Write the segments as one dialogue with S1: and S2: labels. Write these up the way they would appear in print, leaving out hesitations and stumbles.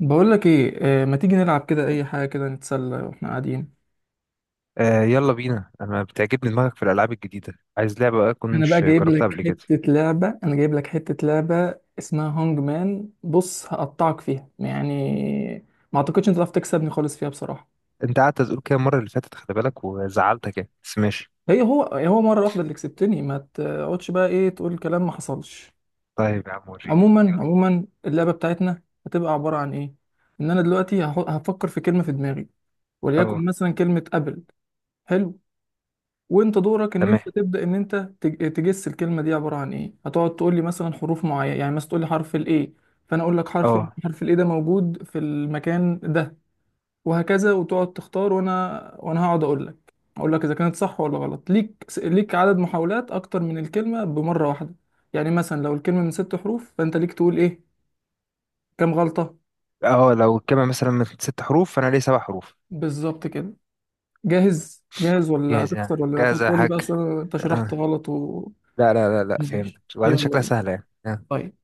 S1: بقول لك ايه، ما تيجي نلعب كده، اي حاجه كده نتسلى واحنا قاعدين.
S2: آه، يلا بينا. انا بتعجبني دماغك في الالعاب الجديده. عايز لعبه بقى
S1: انا بقى
S2: كنتش
S1: جايب
S2: جربتها
S1: لك
S2: قبل كده؟
S1: حته لعبه انا جايب لك حته لعبه اسمها هونج مان، بص هقطعك فيها يعني، ما اعتقدش انت تعرف تكسبني خالص فيها بصراحه.
S2: انت قعدت تقول كده المره اللي فاتت، خلي بالك وزعلتك يعني، بس ماشي.
S1: هي هو هو مره واحده اللي كسبتني، ما تقعدش بقى ايه تقول كلام ما حصلش.
S2: طيب يا عم وريني
S1: عموما
S2: يلا.
S1: عموما اللعبه بتاعتنا هتبقى عباره عن ايه. ان انا دلوقتي هفكر في كلمه في دماغي،
S2: اه.
S1: وليكن مثلا كلمه ابل. حلو. وانت دورك ان
S2: تمام.
S1: انت تبدا ان انت تج- تجس الكلمه دي عباره عن ايه. هتقعد تقول لي مثلا حروف معينه، يعني مثلا تقول لي حرف الايه، فانا اقول لك حرف ال-
S2: اه.
S1: حرف الايه ده موجود في المكان ده، وهكذا وتقعد تختار. وانا هقعد اقول لك اذا كانت صح ولا غلط. ليك عدد محاولات اكتر من الكلمه بمره واحده. يعني مثلا لو الكلمه من ست حروف، فانت ليك تقول ايه؟ كام غلطه.
S2: اه لو الكلمه مثلا من ست حروف فانا ليه سبع حروف.
S1: بالظبط كده. جاهز؟ جاهز ولا
S2: جاهز
S1: هتخسر
S2: يعني،
S1: ولا
S2: جاهز يا
S1: هتقول لي
S2: حاج.
S1: بقى انت شرحت
S2: آه.
S1: غلط و...
S2: لا لا لا لا،
S1: ماشي
S2: فهمت. وبعدين
S1: يلا
S2: شكلها
S1: بينا.
S2: سهله يعني. آه.
S1: طيب،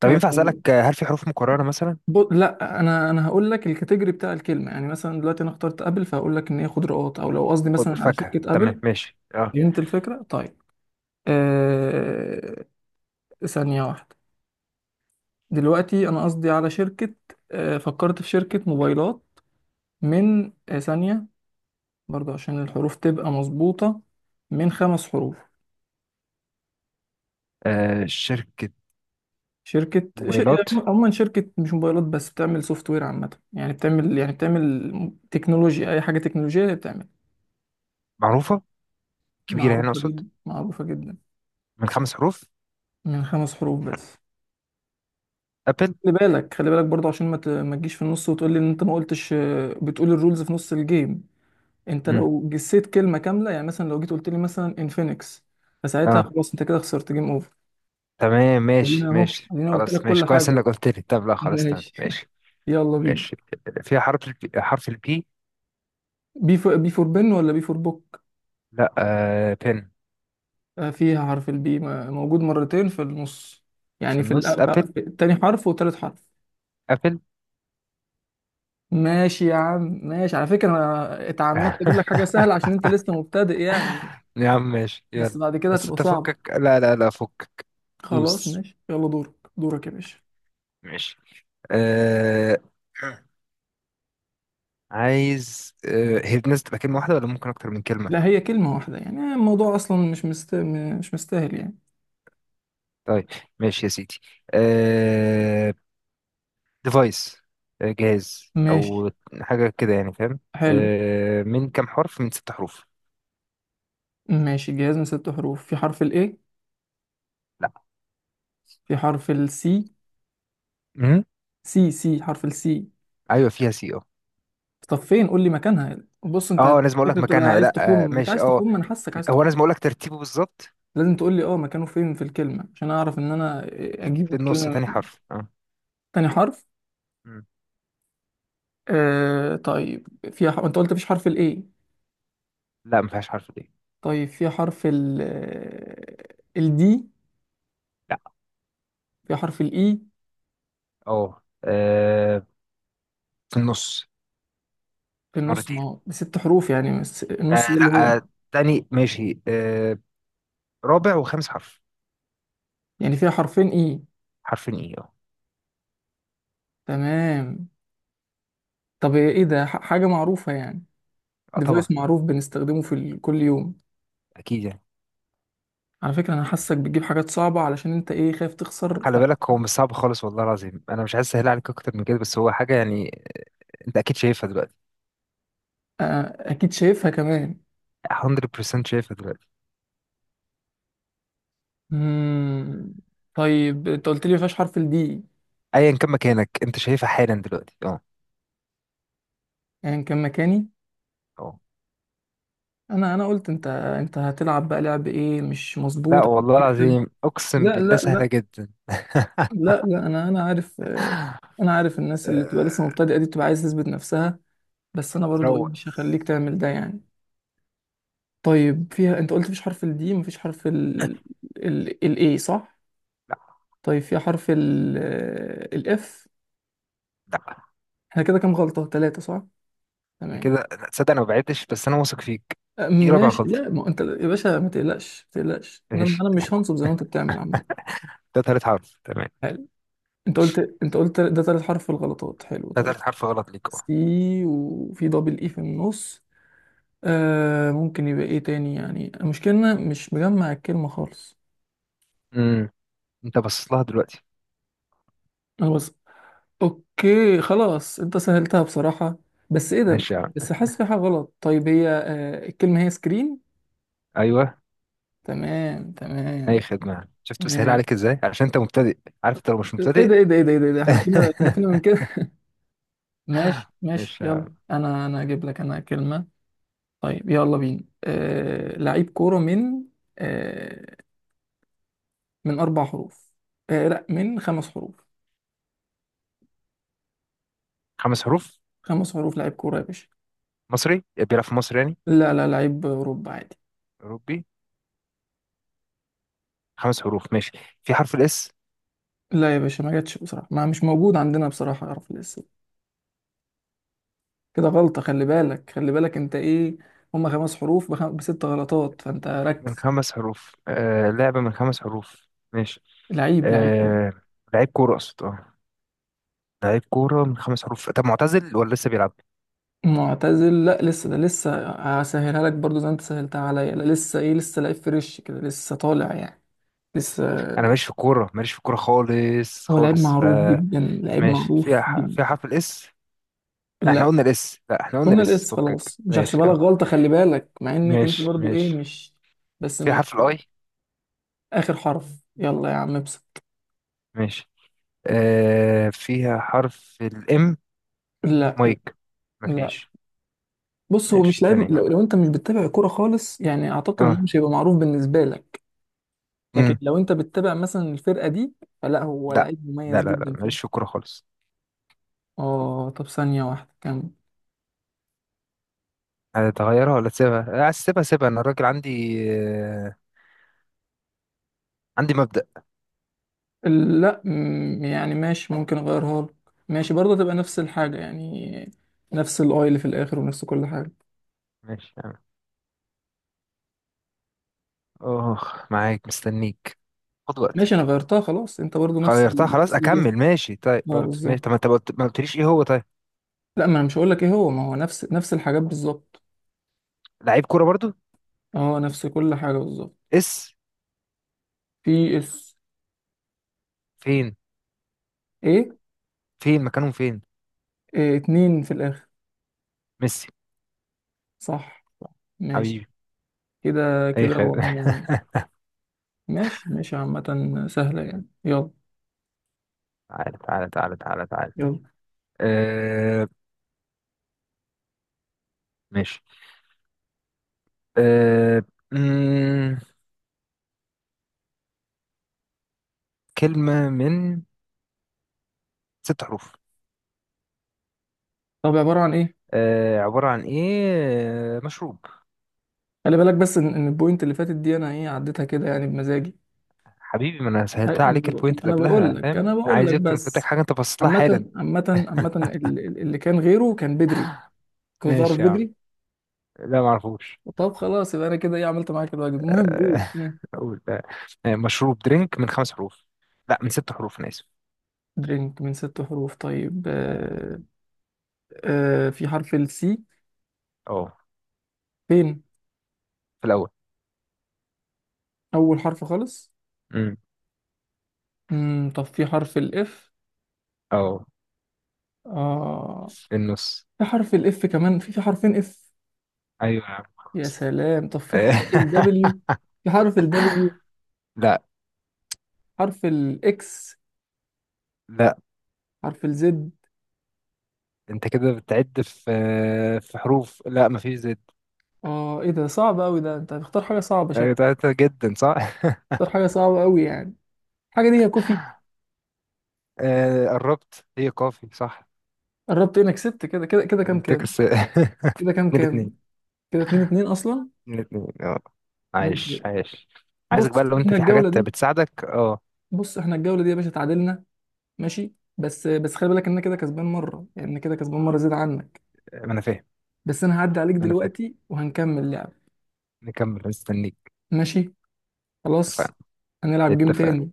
S2: طب
S1: آه،
S2: ينفع اسالك، هل في حروف مكرره مثلا؟
S1: لا انا هقول لك الكاتيجوري بتاع الكلمه، يعني مثلا دلوقتي انا اخترت ابل، فهقول لك ان هي خضروات او لو قصدي
S2: خد
S1: مثلا على
S2: فاكهه.
S1: شركه ابل.
S2: تمام ماشي. اه.
S1: فهمت الفكره؟ طيب. آه. ثانيه واحده. دلوقتي انا قصدي على شركه. فكرت في شركه موبايلات. من ثانيه، برضو عشان الحروف تبقى مظبوطه، من خمس حروف.
S2: آه، شركه
S1: يعني
S2: موبايلات
S1: عموما شركه، مش موبايلات بس، بتعمل سوفت وير عامه، يعني بتعمل تكنولوجيا، اي حاجه تكنولوجيه هي بتعمل.
S2: معروفه كبيره يعني
S1: معروفة
S2: اقصد.
S1: جدا معروفة جدا.
S2: من خمس حروف.
S1: من خمس حروف بس.
S2: ابل.
S1: خلي بالك خلي بالك برضه، عشان ما تجيش في النص وتقول لي ان انت ما قلتش، بتقول الرولز في نص الجيم. انت لو جسيت كلمة كاملة، يعني مثلا لو جيت قلت لي مثلا انفينكس، فساعتها
S2: اه
S1: خلاص انت كده خسرت. جيم اوفر.
S2: تمام، ماشي
S1: ادينا اهو
S2: ماشي
S1: ادينا قلت لك
S2: خلاص،
S1: كل
S2: ماشي
S1: حاجة
S2: كويس انك
S1: أهو.
S2: قلت لي. طب لا خلاص، تمام
S1: ماشي.
S2: ماشي.
S1: يلا بينا.
S2: ماشي. في حرف البي، حرف البي.
S1: بي فور بي فور بن، ولا بي فور بوك؟
S2: لا، بن.
S1: فيها حرف البي موجود مرتين في النص،
S2: في
S1: يعني في,
S2: النص.
S1: الأ-
S2: ابل،
S1: في التاني حرف وتالت حرف.
S2: ابل.
S1: ماشي يا عم ماشي. على فكرة أنا اتعمدت أجيب لك حاجة سهلة عشان أنت لسه مبتدئ يعني،
S2: يا عم ماشي
S1: بس
S2: يلا.
S1: بعد كده
S2: بس
S1: هتبقى
S2: انت
S1: صعبة.
S2: فكك، لا لا لا، فكك.
S1: خلاص
S2: دوس.
S1: ماشي، يلا دورك دورك يا باشا.
S2: ماشي. آه عايز، هي الناس تبقى كلمة واحدة ولا ممكن أكتر من كلمة؟
S1: لا، هي كلمة واحدة يعني. الموضوع أصلا مش مش مستاهل يعني.
S2: طيب. ماشي يا سيدي. آه، ديفايس. جهاز
S1: ماشي.
S2: او حاجه كده يعني، فاهم.
S1: حلو.
S2: آه، من كام حرف؟ من ست حروف.
S1: ماشي جهاز من ست حروف. في حرف الإيه؟
S2: لا.
S1: في حرف السي.
S2: امم
S1: سي سي حرف السي.
S2: ايوه، فيها سي، اه.
S1: طب فين؟ قول لي مكانها. بص أنت
S2: اه لازم اقول لك
S1: الفكرة بتبقى
S2: مكانها؟
S1: عايز
S2: لا
S1: تخم، أنت
S2: ماشي،
S1: عايز
S2: اه.
S1: تخم، أنا حاسك عايز
S2: هو
S1: تخم.
S2: لازم اقول لك ترتيبه بالظبط؟
S1: لازم تقول لي مكانه فين في الكلمة عشان أعرف إن أنا أجيب
S2: في النص،
S1: الكلمة
S2: تاني
S1: من
S2: حرف، اه.
S1: تاني حرف.
S2: مم.
S1: طيب، فيها انت قلت مفيش حرف الاي.
S2: لا، ما فيهاش حرف دي.
S1: طيب فيها حرف ال الدي؟
S2: لا.
S1: فيها حرف الاي
S2: اه في النص.
S1: في النص،
S2: مرتين.
S1: ما هو بست حروف يعني، بس النص ده
S2: آه
S1: اللي هو...
S2: لا، آه تاني، ماشي. آه، رابع وخامس حرف.
S1: يعني فيها حرفين اي.
S2: حرفين ايه، اه.
S1: تمام. طب ايه ده؟ حاجة معروفة يعني؟
S2: آه،
S1: ديفايس
S2: طبعا.
S1: معروف بنستخدمه كل يوم.
S2: اكيد يعني.
S1: على فكرة انا حاسك بتجيب حاجات صعبة علشان انت ايه، خايف تخسر.
S2: خلي بالك، هو مش صعب خالص والله العظيم، انا مش عايز اسهل عليك اكتر من كده، بس هو حاجه يعني انت اكيد شايفها دلوقتي.
S1: فاكيد شايفها كمان.
S2: 100% شايفها دلوقتي.
S1: مم. طيب انت قلت لي مفيهاش حرف الدي.
S2: ايا كان مكانك انت شايفها حالا دلوقتي، اه
S1: يعني كان مكاني.
S2: اه.
S1: انا قلت انت هتلعب بقى لعب ايه مش
S2: لا
S1: مظبوط عشان
S2: والله
S1: تكسب.
S2: العظيم اقسم
S1: لا
S2: بالله،
S1: لا
S2: سهله
S1: لا.
S2: جدا.
S1: لا لا، انا عارف. انا عارف الناس اللي بتبقى لسه
S2: آه،
S1: مبتدئه دي، بتبقى عايز تثبت نفسها، بس انا برضو ايه،
S2: روق.
S1: مش هخليك تعمل ده يعني. طيب فيها، انت قلت مفيش حرف الدي، مفيش حرف ال، الاي صح؟
S2: لا
S1: طيب فيها حرف ال الاف؟
S2: لا
S1: احنا كده كام غلطه؟ ثلاثه صح. تمام.
S2: كده، لا، تصدق انا ما بعدتش، بس انا واثق فيك. دي رابع
S1: ماشي. لا
S2: غلطه.
S1: ما انت يا باشا ما تقلقش ما تقلقش، انا
S2: ماشي.
S1: انا مش هنصب زي ما انت بتعمل عامه.
S2: ده تالت حرف تمام.
S1: حلو. انت قلت انت قلت ده ثالث حرف في الغلطات. حلو
S2: ده
S1: طيب.
S2: تالت حرف غلط ليك، اه.
S1: سي وفي دبل اي في النص. ممكن يبقى ايه تاني يعني. المشكلة إن أنا مش مجمع الكلمة خالص.
S2: امم انت باصص لها دلوقتي.
S1: انا بس... اوكي خلاص، انت سهلتها بصراحة. بس ايه ده؟
S2: ماشي يا عم.
S1: بس حاسس في حاجة غلط. طيب هي آه الكلمة هي سكرين.
S2: ايوه.
S1: تمام
S2: اي
S1: تمام.
S2: خدمه، شفت بسهل
S1: ماشي.
S2: عليك ازاي عشان انت مبتدئ. عارف انت لو مش
S1: ايه
S2: مبتدئ.
S1: ده ايه ده ايه ده ايه ده إيه ده؟ احنا فينا احنا فينا من كده. ماشي ماشي،
S2: ماشي يا عم.
S1: يلا انا اجيب لك انا كلمة. طيب يلا بينا. لعيب كورة من... آه. من اربع حروف. آه لا، من خمس حروف.
S2: خمس حروف.
S1: خمس حروف لعيب كورة يا باشا.
S2: مصري بيلعب في مصر يعني؟
S1: لا لا، لعيب أوروبا عادي.
S2: اوروبي. خمس حروف ماشي. في حرف الاس؟
S1: لا يا باشا ما جاتش بصراحة، ما مش موجود عندنا بصراحة يعرف الاسم. كده غلطة، خلي بالك خلي بالك انت ايه، هما خمس حروف بست غلطات، فانت
S2: من
S1: ركز.
S2: خمس حروف، آه لعبة من خمس حروف ماشي.
S1: لعيب كورة.
S2: آه لعيب كورة أقصد، اه. لعيب كورة من خمس حروف، طب معتزل ولا لسه بيلعب؟
S1: معتزل؟ لا لسه، ده لسه هسهلها لك برضو زي ما انت سهلتها عليا. لا لسه ايه، لسه لعيب فريش كده، لسه طالع يعني، لسه.
S2: أنا ماليش في الكورة، ماليش في الكورة خالص
S1: هو لعيب
S2: خالص،
S1: معروف جدا
S2: فماشي.
S1: لعيب
S2: فيها
S1: معروف جدا.
S2: فيها حرف الاس. احنا
S1: لا،
S2: قلنا الاس. لا احنا قلنا
S1: قلنا
S2: الاس،
S1: الاس
S2: فكك
S1: خلاص مش
S2: ماشي،
S1: هحسبها لك
S2: اه.
S1: غلطة، خلي بالك مع انك انت
S2: ماشي
S1: برضو ايه
S2: ماشي.
S1: مش... بس
S2: فيها
S1: ماشي.
S2: حرف الاي؟
S1: اخر حرف. يلا يا عم ابسط.
S2: ماشي. آه فيها حرف الام؟
S1: لا لا
S2: مايك.
S1: لا.
S2: مفيش.
S1: بص هو مش
S2: ماشي.
S1: لاعب،
S2: تاني
S1: لو,
S2: واحدة.
S1: لو انت مش بتتابع كوره خالص يعني، اعتقد انه
S2: اه.
S1: مش هيبقى معروف بالنسبه لك. لكن لو انت بتتابع مثلا الفرقه دي، فلا هو
S2: لا
S1: لعيب
S2: لا
S1: مميز
S2: لا لا،
S1: جدا
S2: ماليش في
S1: فيه.
S2: الكورة خالص.
S1: اه. طب ثانيه واحده كم.
S2: هتغيرها ولا تسيبها؟ عايز تسيبها سيبها، أنا الراجل عندي عندي مبدأ.
S1: لا يعني ماشي، ممكن اغيرها لك. ماشي برضه تبقى نفس الحاجه يعني، نفس الاي اللي في الاخر ونفس كل حاجه.
S2: ماشي أنا. أوه، معاك مستنيك، خد
S1: ماشي انا
S2: وقتك.
S1: غيرتها خلاص، انت برضه
S2: غيرتها خلاص،
S1: نفس الجهاز.
S2: أكمل ماشي. طيب
S1: اه
S2: برضه ماشي.
S1: بالظبط.
S2: طب ما أنت ما قلتليش إيه هو؟ طيب.
S1: لا ما انا مش هقول لك ايه هو، ما هو نفس الحاجات بالظبط.
S2: لعيب كورة برضه.
S1: هو نفس كل حاجة بالظبط.
S2: اس؟
S1: في اس.
S2: فين؟
S1: ايه.
S2: فين مكانهم فين؟
S1: إيه، اتنين في الآخر.
S2: ميسي.
S1: صح. ماشي.
S2: حبيبي.
S1: كده
S2: أي
S1: كده
S2: خير.
S1: هو ماشي ماشي عامة سهلة يعني، يلا.
S2: تعالى تعالى تعالى تعالى تعالى.
S1: يلا.
S2: أه. ماشي. أه. مم، كلمة من ست حروف.
S1: طب عبارة عن ايه؟
S2: آه عبارة عن ايه. آه، مشروب.
S1: خلي بالك بس إن البوينت اللي فاتت دي انا ايه عديتها كده يعني بمزاجي.
S2: حبيبي ما انا
S1: أي-
S2: سهلتها عليك البوينت اللي
S1: انا بقول
S2: قبلها،
S1: لك
S2: فاهم
S1: انا بقول
S2: عايز
S1: لك
S2: إيه اكتر؟ كنت
S1: بس.
S2: حاجة انت باصص لها حالا.
S1: عامة اللي كان غيره كان بدري، كنت تعرف
S2: ماشي يا عم.
S1: بدري.
S2: لا ما اعرفوش.
S1: طب خلاص يبقى انا كده ايه، عملت معاك الواجب. المهم قول.
S2: آه، اقول مشروب. درينك من خمس حروف. لا من ست حروف، انا اسف.
S1: درينك من ست حروف طيب. في حرف السي.
S2: اه
S1: فين؟
S2: في الاول.
S1: أول حرف خالص.
S2: امم
S1: مم. طب في حرف الإف.
S2: اه
S1: آه.
S2: في النص.
S1: في حرف الإف كمان؟ في حرفين إف.
S2: ايوه يا عم
S1: يا
S2: خلاص.
S1: سلام. طب في
S2: آه،
S1: حرف الدبليو؟ في حرف الدبليو.
S2: لا
S1: حرف الإكس.
S2: لا.
S1: حرف الزد.
S2: انت كده بتعد في في حروف. لا مفيش زد.
S1: آه إيه ده صعب أوي ده، أنت هتختار حاجة صعبة
S2: آه،
S1: شكل.
S2: ده جدا صح.
S1: اختار حاجة صعبة أوي يعني. الحاجة دي يا كوفي.
S2: آه، قربت. هي كافي، صح.
S1: قربت إنك كسبت كده كده كده. كام
S2: انت
S1: كام؟
S2: كسر.
S1: كده كام
S2: من الاثنين.
S1: كام. كده اتنين اتنين أصلا.
S2: من الاثنين، اه.
S1: ماشي.
S2: عايش عايش. عايزك
S1: بص
S2: بقى لو انت
S1: إحنا
S2: في
S1: الجولة
S2: حاجات
S1: دي
S2: بتساعدك، اه.
S1: بص إحنا الجولة دي يا باشا اتعادلنا. ماشي، بس بس خلي بالك ان انا كده كسبان مره يعني، انا كده كسبان مره زياده عنك.
S2: ما انا فاهم.
S1: بس انا هعدي عليك
S2: ما انا فاهم.
S1: دلوقتي وهنكمل لعب.
S2: نكمل، مستنيك.
S1: ماشي. خلاص.
S2: اتفقنا.
S1: هنلعب جيم
S2: اتفقنا
S1: تاني.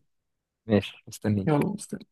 S2: ماشي،
S1: يلا
S2: مستنيك.
S1: مستني